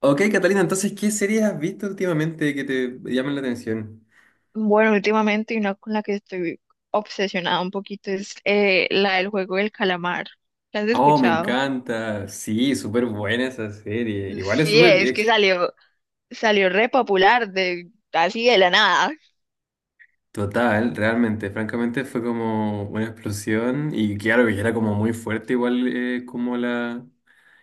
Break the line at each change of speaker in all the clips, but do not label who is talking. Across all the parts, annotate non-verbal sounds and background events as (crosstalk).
Ok, Catalina, entonces, ¿qué series has visto últimamente que te llamen la atención?
Bueno, últimamente una con la que estoy obsesionada un poquito es la del juego del calamar. ¿La has
Oh, me
escuchado?
encanta. Sí, súper buena esa serie. Igual es
Sí,
súper
es que
es
salió re popular de así de la nada.
total, realmente. Francamente fue como una explosión y claro que era como muy fuerte, igual como la...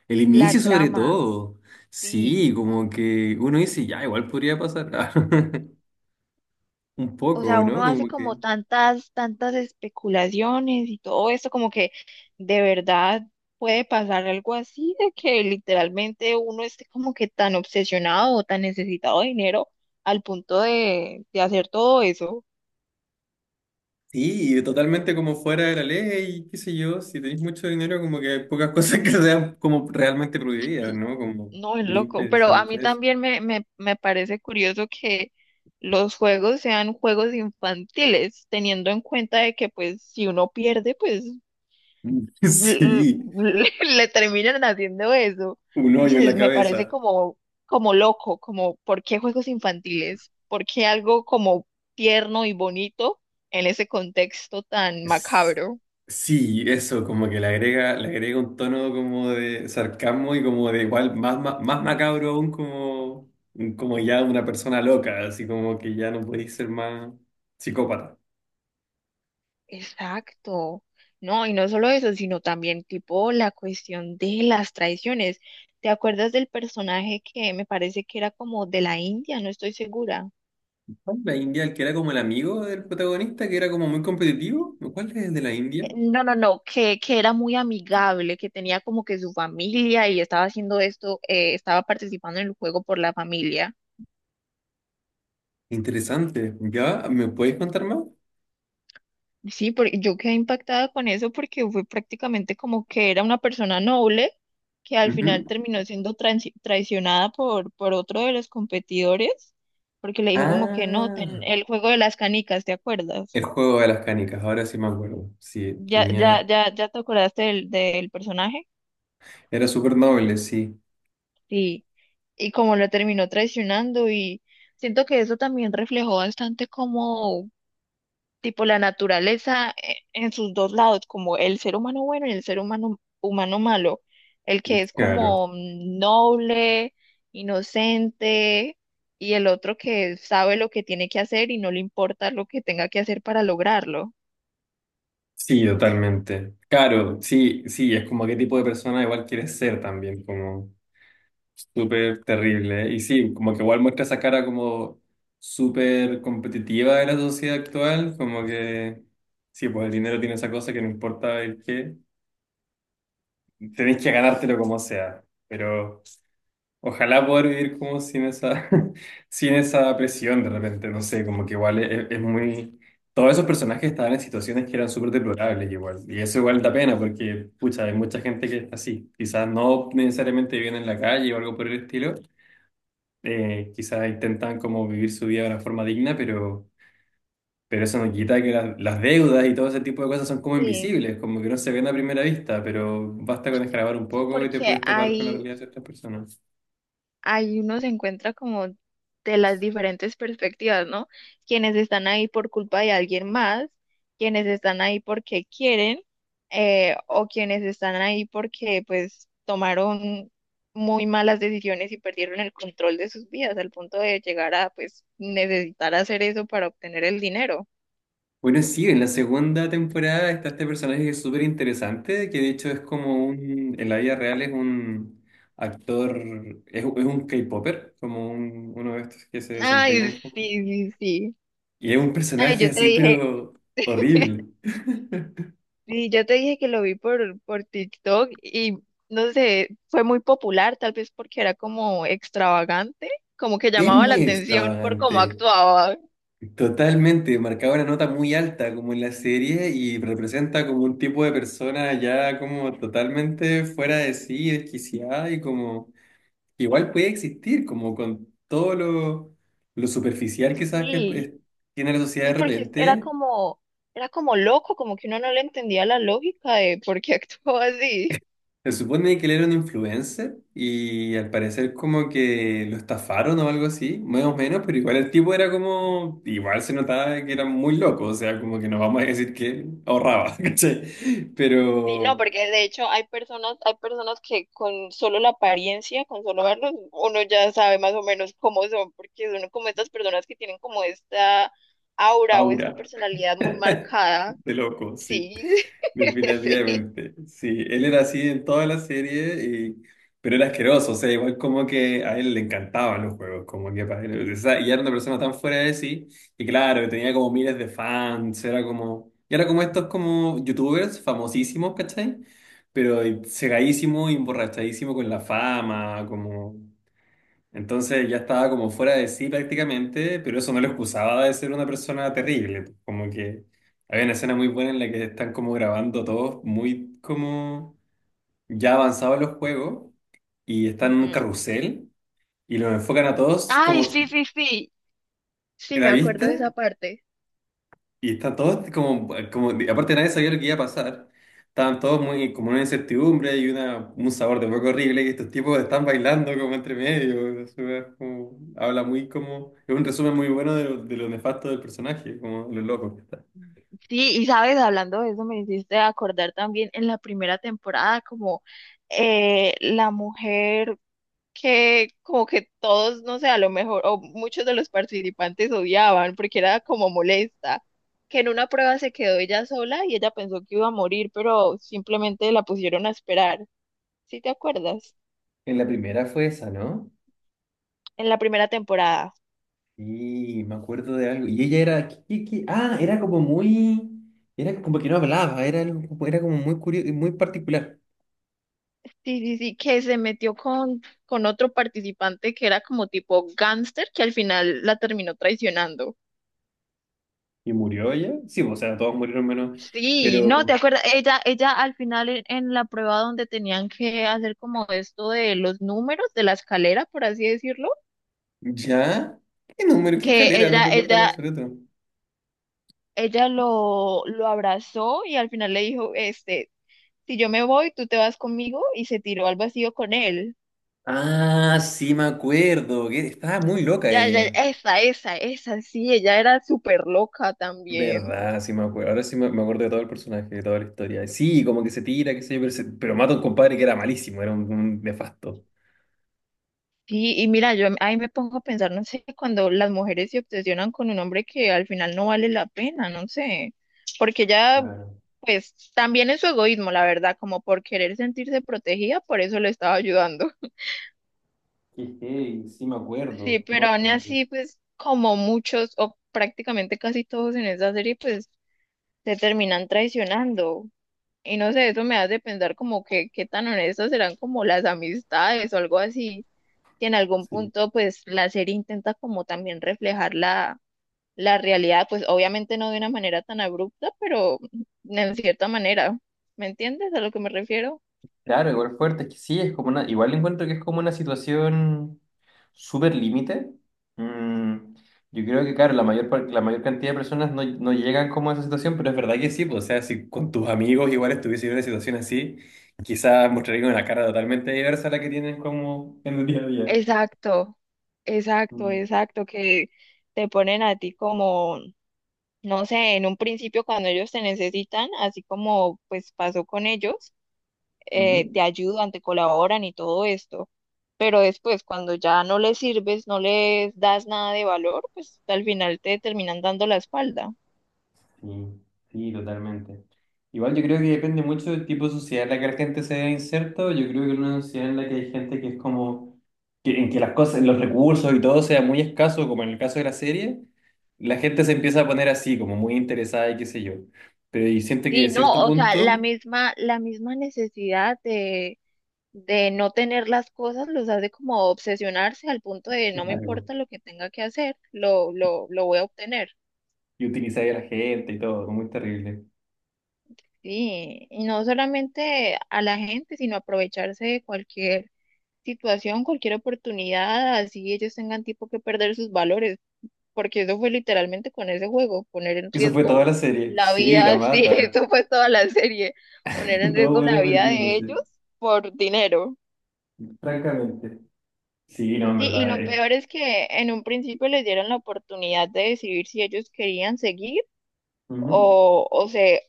El
La
inicio sobre
trama,
todo.
sí.
Sí, como que uno dice, ya, igual podría pasar. (laughs) Un
O sea,
poco, ¿no?
uno hace
Como que...
como tantas especulaciones y todo esto, como que de verdad puede pasar algo así, de que literalmente uno esté como que tan obsesionado o tan necesitado de dinero al punto de hacer todo eso.
Sí, y totalmente como fuera de la ley, qué sé yo, si tenéis mucho dinero, como que hay pocas (laughs) cosas que sean como realmente prohibidas,
Y
¿no? Como
no, es
muy
loco, pero a mí
interesante eso.
también me parece curioso que los juegos sean juegos infantiles, teniendo en cuenta de que pues si uno pierde, pues
Mm. (laughs)
(laughs)
Sí,
le terminan haciendo eso.
un
No
hoyo en la
sé, me parece
cabeza.
como loco, como ¿por qué juegos infantiles? ¿Por qué algo como tierno y bonito en ese contexto tan
Es-
macabro?
Sí, eso, como que le agrega un tono como de sarcasmo y como de igual, más, más, macabro aún como, como ya una persona loca, así como que ya no podéis ser más psicópata.
Exacto. No, y no solo eso, sino también tipo la cuestión de las traiciones. ¿Te acuerdas del personaje que me parece que era como de la India? No estoy segura.
¿Cuál es La India, el que era como el amigo del protagonista, que era como muy competitivo? ¿Cuál es el de la
Eh,
India?
No, no, no, que, que era muy amigable, que tenía como que su familia y estaba haciendo esto, estaba participando en el juego por la familia.
Interesante. ¿Ya? ¿Me puedes contar más?
Sí, porque yo quedé impactada con eso porque fue prácticamente como que era una persona noble que al final
Ujú.
terminó siendo traicionada por otro de los competidores porque le dijo como que no,
Ah,
el juego de las canicas, ¿te acuerdas?
el juego de las canicas, ahora sí me acuerdo. Sí,
¿Ya,
tenía.
ya, ya, ya te acordaste del personaje?
Era súper noble, sí.
Sí. Y como lo terminó traicionando y siento que eso también reflejó bastante tipo la naturaleza en sus dos lados, como el ser humano bueno y el ser humano, humano malo, el que es
Claro.
como noble, inocente, y el otro que sabe lo que tiene que hacer y no le importa lo que tenga que hacer para lograrlo.
Sí, totalmente. Claro, sí, sí, es como qué tipo de persona igual quieres ser también, como. Súper terrible, ¿eh? Y sí, como que igual muestra esa cara como súper competitiva de la sociedad actual, como que sí, pues el dinero tiene esa cosa que no importa el qué, tenés que ganártelo como sea, pero ojalá poder vivir como sin esa, (laughs) sin esa presión de repente, no sé, como que igual es muy... Todos esos personajes estaban en situaciones que eran súper deplorables igual, y eso igual da pena porque, pucha, hay mucha gente que es así, quizás no necesariamente viven en la calle o algo por el estilo, quizás intentan como vivir su vida de una forma digna, pero eso no quita que las deudas y todo ese tipo de cosas son como
Sí,
invisibles, como que no se ven a primera vista, pero basta con escarbar un
sí,
poco y te
porque
puedes topar con la
hay,
realidad de ciertas personas.
ahí uno se encuentra como de las diferentes perspectivas, ¿no? Quienes están ahí por culpa de alguien más, quienes están ahí porque quieren, o quienes están ahí porque pues tomaron muy malas decisiones y perdieron el control de sus vidas al punto de llegar a pues necesitar hacer eso para obtener el dinero.
Bueno, sí, en la segunda temporada está este personaje que es súper interesante, que de hecho es como un, en la vida real es un actor, es un K-popper, como uno de estos que se
Ay,
desempeñan como...
sí, sí, sí.
Y es un
Ay,
personaje
yo te
así,
dije.
pero horrible. (laughs)
Sí, yo te dije que lo vi por TikTok y no sé, fue muy popular, tal vez porque era como extravagante, como que
Es
llamaba la
muy
atención por cómo
extravagante,
actuaba.
totalmente, marcaba una nota muy alta como en la serie y representa como un tipo de persona ya como totalmente fuera de sí, desquiciada y como igual puede existir, como con todo lo superficial que sabes que
Sí,
pues, tiene la sociedad de
sí, porque
repente.
era como loco, como que uno no le entendía la lógica de por qué (laughs) actuaba así.
Se supone que él era un influencer y al parecer como que lo estafaron o algo así, más o menos, pero igual el tipo era como, igual se notaba que era muy loco, o sea, como que no vamos a decir que ahorraba, (laughs) ¿cachai?
Sí, no,
Pero
porque de hecho hay personas que con solo la apariencia, con solo verlos, uno ya sabe más o menos cómo son, porque son como estas personas que tienen como esta aura o esta
aura
personalidad
(laughs)
muy marcada.
de loco, sí.
Sí, (laughs) sí.
Definitivamente. Sí, él era así en toda la serie, y pero era asqueroso. O sea, igual como que a él le encantaban los juegos, como que para él. O sea, y era una persona tan fuera de sí, y claro, que tenía como miles de fans, era como. Y era como estos como youtubers famosísimos, ¿cachai? Pero cegadísimo y emborrachadísimo con la fama, como. Entonces ya estaba como fuera de sí prácticamente, pero eso no lo excusaba de ser una persona terrible. Como que había una escena muy buena en la que están como grabando todos muy como ya avanzados los juegos y están en un
Ujú.
carrusel y los enfocan a todos
Ay,
como,
sí, sí, sí. Sí,
¿la
me acuerdo de
viste?
esa parte.
Y están todos como, como, aparte nadie sabía lo que iba a pasar. Estaban todos muy, como en una incertidumbre y una, un sabor de hueco horrible. Y estos tipos están bailando como entre medio. Es como habla muy como, es un resumen muy bueno de lo nefasto del personaje, como lo loco que está.
Sí, y sabes, hablando de eso, me hiciste acordar también en la primera temporada, como la mujer que como que todos, no sé, a lo mejor, o muchos de los participantes odiaban porque era como molesta, que en una prueba se quedó ella sola y ella pensó que iba a morir, pero simplemente la pusieron a esperar. ¿Sí te acuerdas?
En la primera fue esa, ¿no?
En la primera temporada.
Y me acuerdo de algo. Y ella era... ¿qué, qué? Ah, era como muy... Era como que no hablaba, era, algo era como muy curioso, muy particular.
Sí, sí, sí, que se metió con otro participante que era como tipo gángster, que al final la terminó traicionando.
¿Y murió ella? Sí, o sea, todos murieron menos...
Sí, no, ¿te
Pero
acuerdas? Ella al final en la prueba donde tenían que hacer como esto de los números de la escalera, por así decirlo,
¿ya? ¿Qué número? ¿Qué
que
escalera? No
ella,
recuerdo en
ella,
absoluto.
ella lo abrazó y al final le dijo, este, si yo me voy, tú te vas conmigo y se tiró al vacío con él.
Ah, sí me acuerdo que estaba muy loca
Ya, ya,
ella.
esa, sí, ella era súper loca también.
Verdad, sí me acuerdo. Ahora sí me acuerdo de todo el personaje, de toda la historia. Sí, como que se tira, qué sé yo, pero, se pero mata a un compadre que era malísimo, era un nefasto.
Sí, y mira, yo ahí me pongo a pensar, no sé, cuando las mujeres se obsesionan con un hombre que al final no vale la pena, no sé, porque ya,
Claro.
pues también es su egoísmo, la verdad, como por querer sentirse protegida, por eso le estaba ayudando. (laughs)
Qué heavy, sí me
Sí,
acuerdo.
pero
No, me
aún
acuerdo.
así, pues como muchos o prácticamente casi todos en esa serie, pues se terminan traicionando. Y no sé, eso me hace pensar como que qué tan honestas serán como las amistades o algo así, que en algún
Sí.
punto pues la serie intenta como también reflejar la realidad, pues obviamente no de una manera tan abrupta, pero en cierta manera, ¿me entiendes a lo que me refiero?
Claro, igual fuerte, es que sí, es como una, igual encuentro que es como una situación súper límite. Mm, yo creo que, claro, la mayor, par- la mayor cantidad de personas no, no llegan como a esa situación, pero es verdad que sí, pues, o sea, si con tus amigos igual estuviese en una situación así, quizás mostraría una cara totalmente diversa a la que tienen como en el día a día.
Exacto,
Mm,
exacto, que te ponen a ti como, no sé, en un principio cuando ellos te necesitan, así como pues pasó con ellos.
ujú.
Te ayudan, te colaboran y todo esto, pero después cuando ya no les sirves, no les das nada de valor, pues al final te terminan dando la espalda.
Sí, sí, totalmente. Igual yo creo que depende mucho del tipo de sociedad en la que la gente se vea inserta. Yo creo que en una sociedad en la que hay gente que es como, que en que las cosas, los recursos y todo sea muy escaso, como en el caso de la serie, la gente se empieza a poner así, como muy interesada y qué sé yo. Pero y siente que de
Sí,
cierto
no, o sea,
punto,
la misma necesidad de no tener las cosas los hace como obsesionarse al punto de no me
claro,
importa lo que tenga que hacer, lo voy a obtener.
y utilizar a la gente y todo, como muy terrible.
Sí, y no solamente a la gente, sino aprovecharse de cualquier situación, cualquier oportunidad, así ellos tengan tipo que perder sus valores, porque eso fue literalmente con ese juego, poner en
Eso fue
riesgo
toda la serie.
la
Sí, la
vida, (laughs) sí,
mata.
eso fue toda la serie, poner
(laughs)
en
Todo
riesgo la
bueno
vida de
vendiéndose,
ellos por dinero.
francamente. Sí, no,
Sí,
en
y
verdad
lo peor es que en un principio les dieron la oportunidad de decidir si ellos querían seguir
es.
o, o se,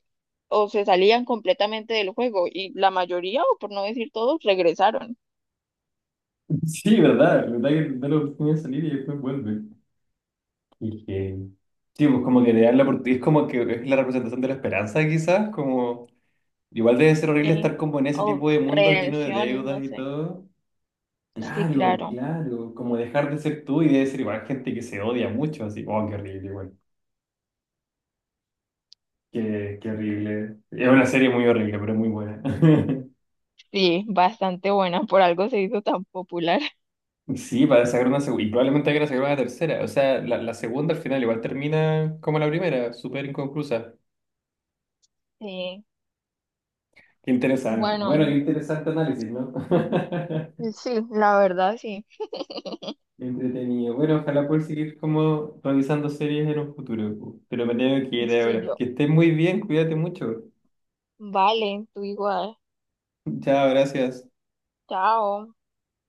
o se salían completamente del juego, y la mayoría, o por no decir todos, regresaron.
Sí, verdad, verdad que da la oportunidad de salir y después vuelve. Y que... Sí, pues como que le dan la oportunidad, es como que es la representación de la esperanza quizás, como... Igual debe ser horrible
Sí,
estar como en ese
o
tipo de mundos lleno de
redención, no
deudas y
sé.
todo.
Sí,
Claro,
claro.
claro, como dejar de ser tú y debe ser igual gente que se odia mucho, así, oh, qué horrible, igual qué, qué horrible. Es una serie muy horrible, pero es muy buena. (laughs)
Sí, bastante buena, por algo se hizo tan popular. (laughs)
Sí, para sacar una segunda, y probablemente hay que sacar una tercera, o sea, la segunda al final igual termina como la primera, súper inconclusa.
Sí,
Qué interesante. Bueno, qué
bueno,
interesante análisis, ¿no? (laughs)
sí, la verdad sí.
Entretenido. Bueno, ojalá poder seguir como revisando series en un futuro, pu, pero me tengo que ir
Sí,
ahora.
yo.
Que estés muy bien, cuídate mucho.
Vale, tú igual.
Chao, gracias.
Chao.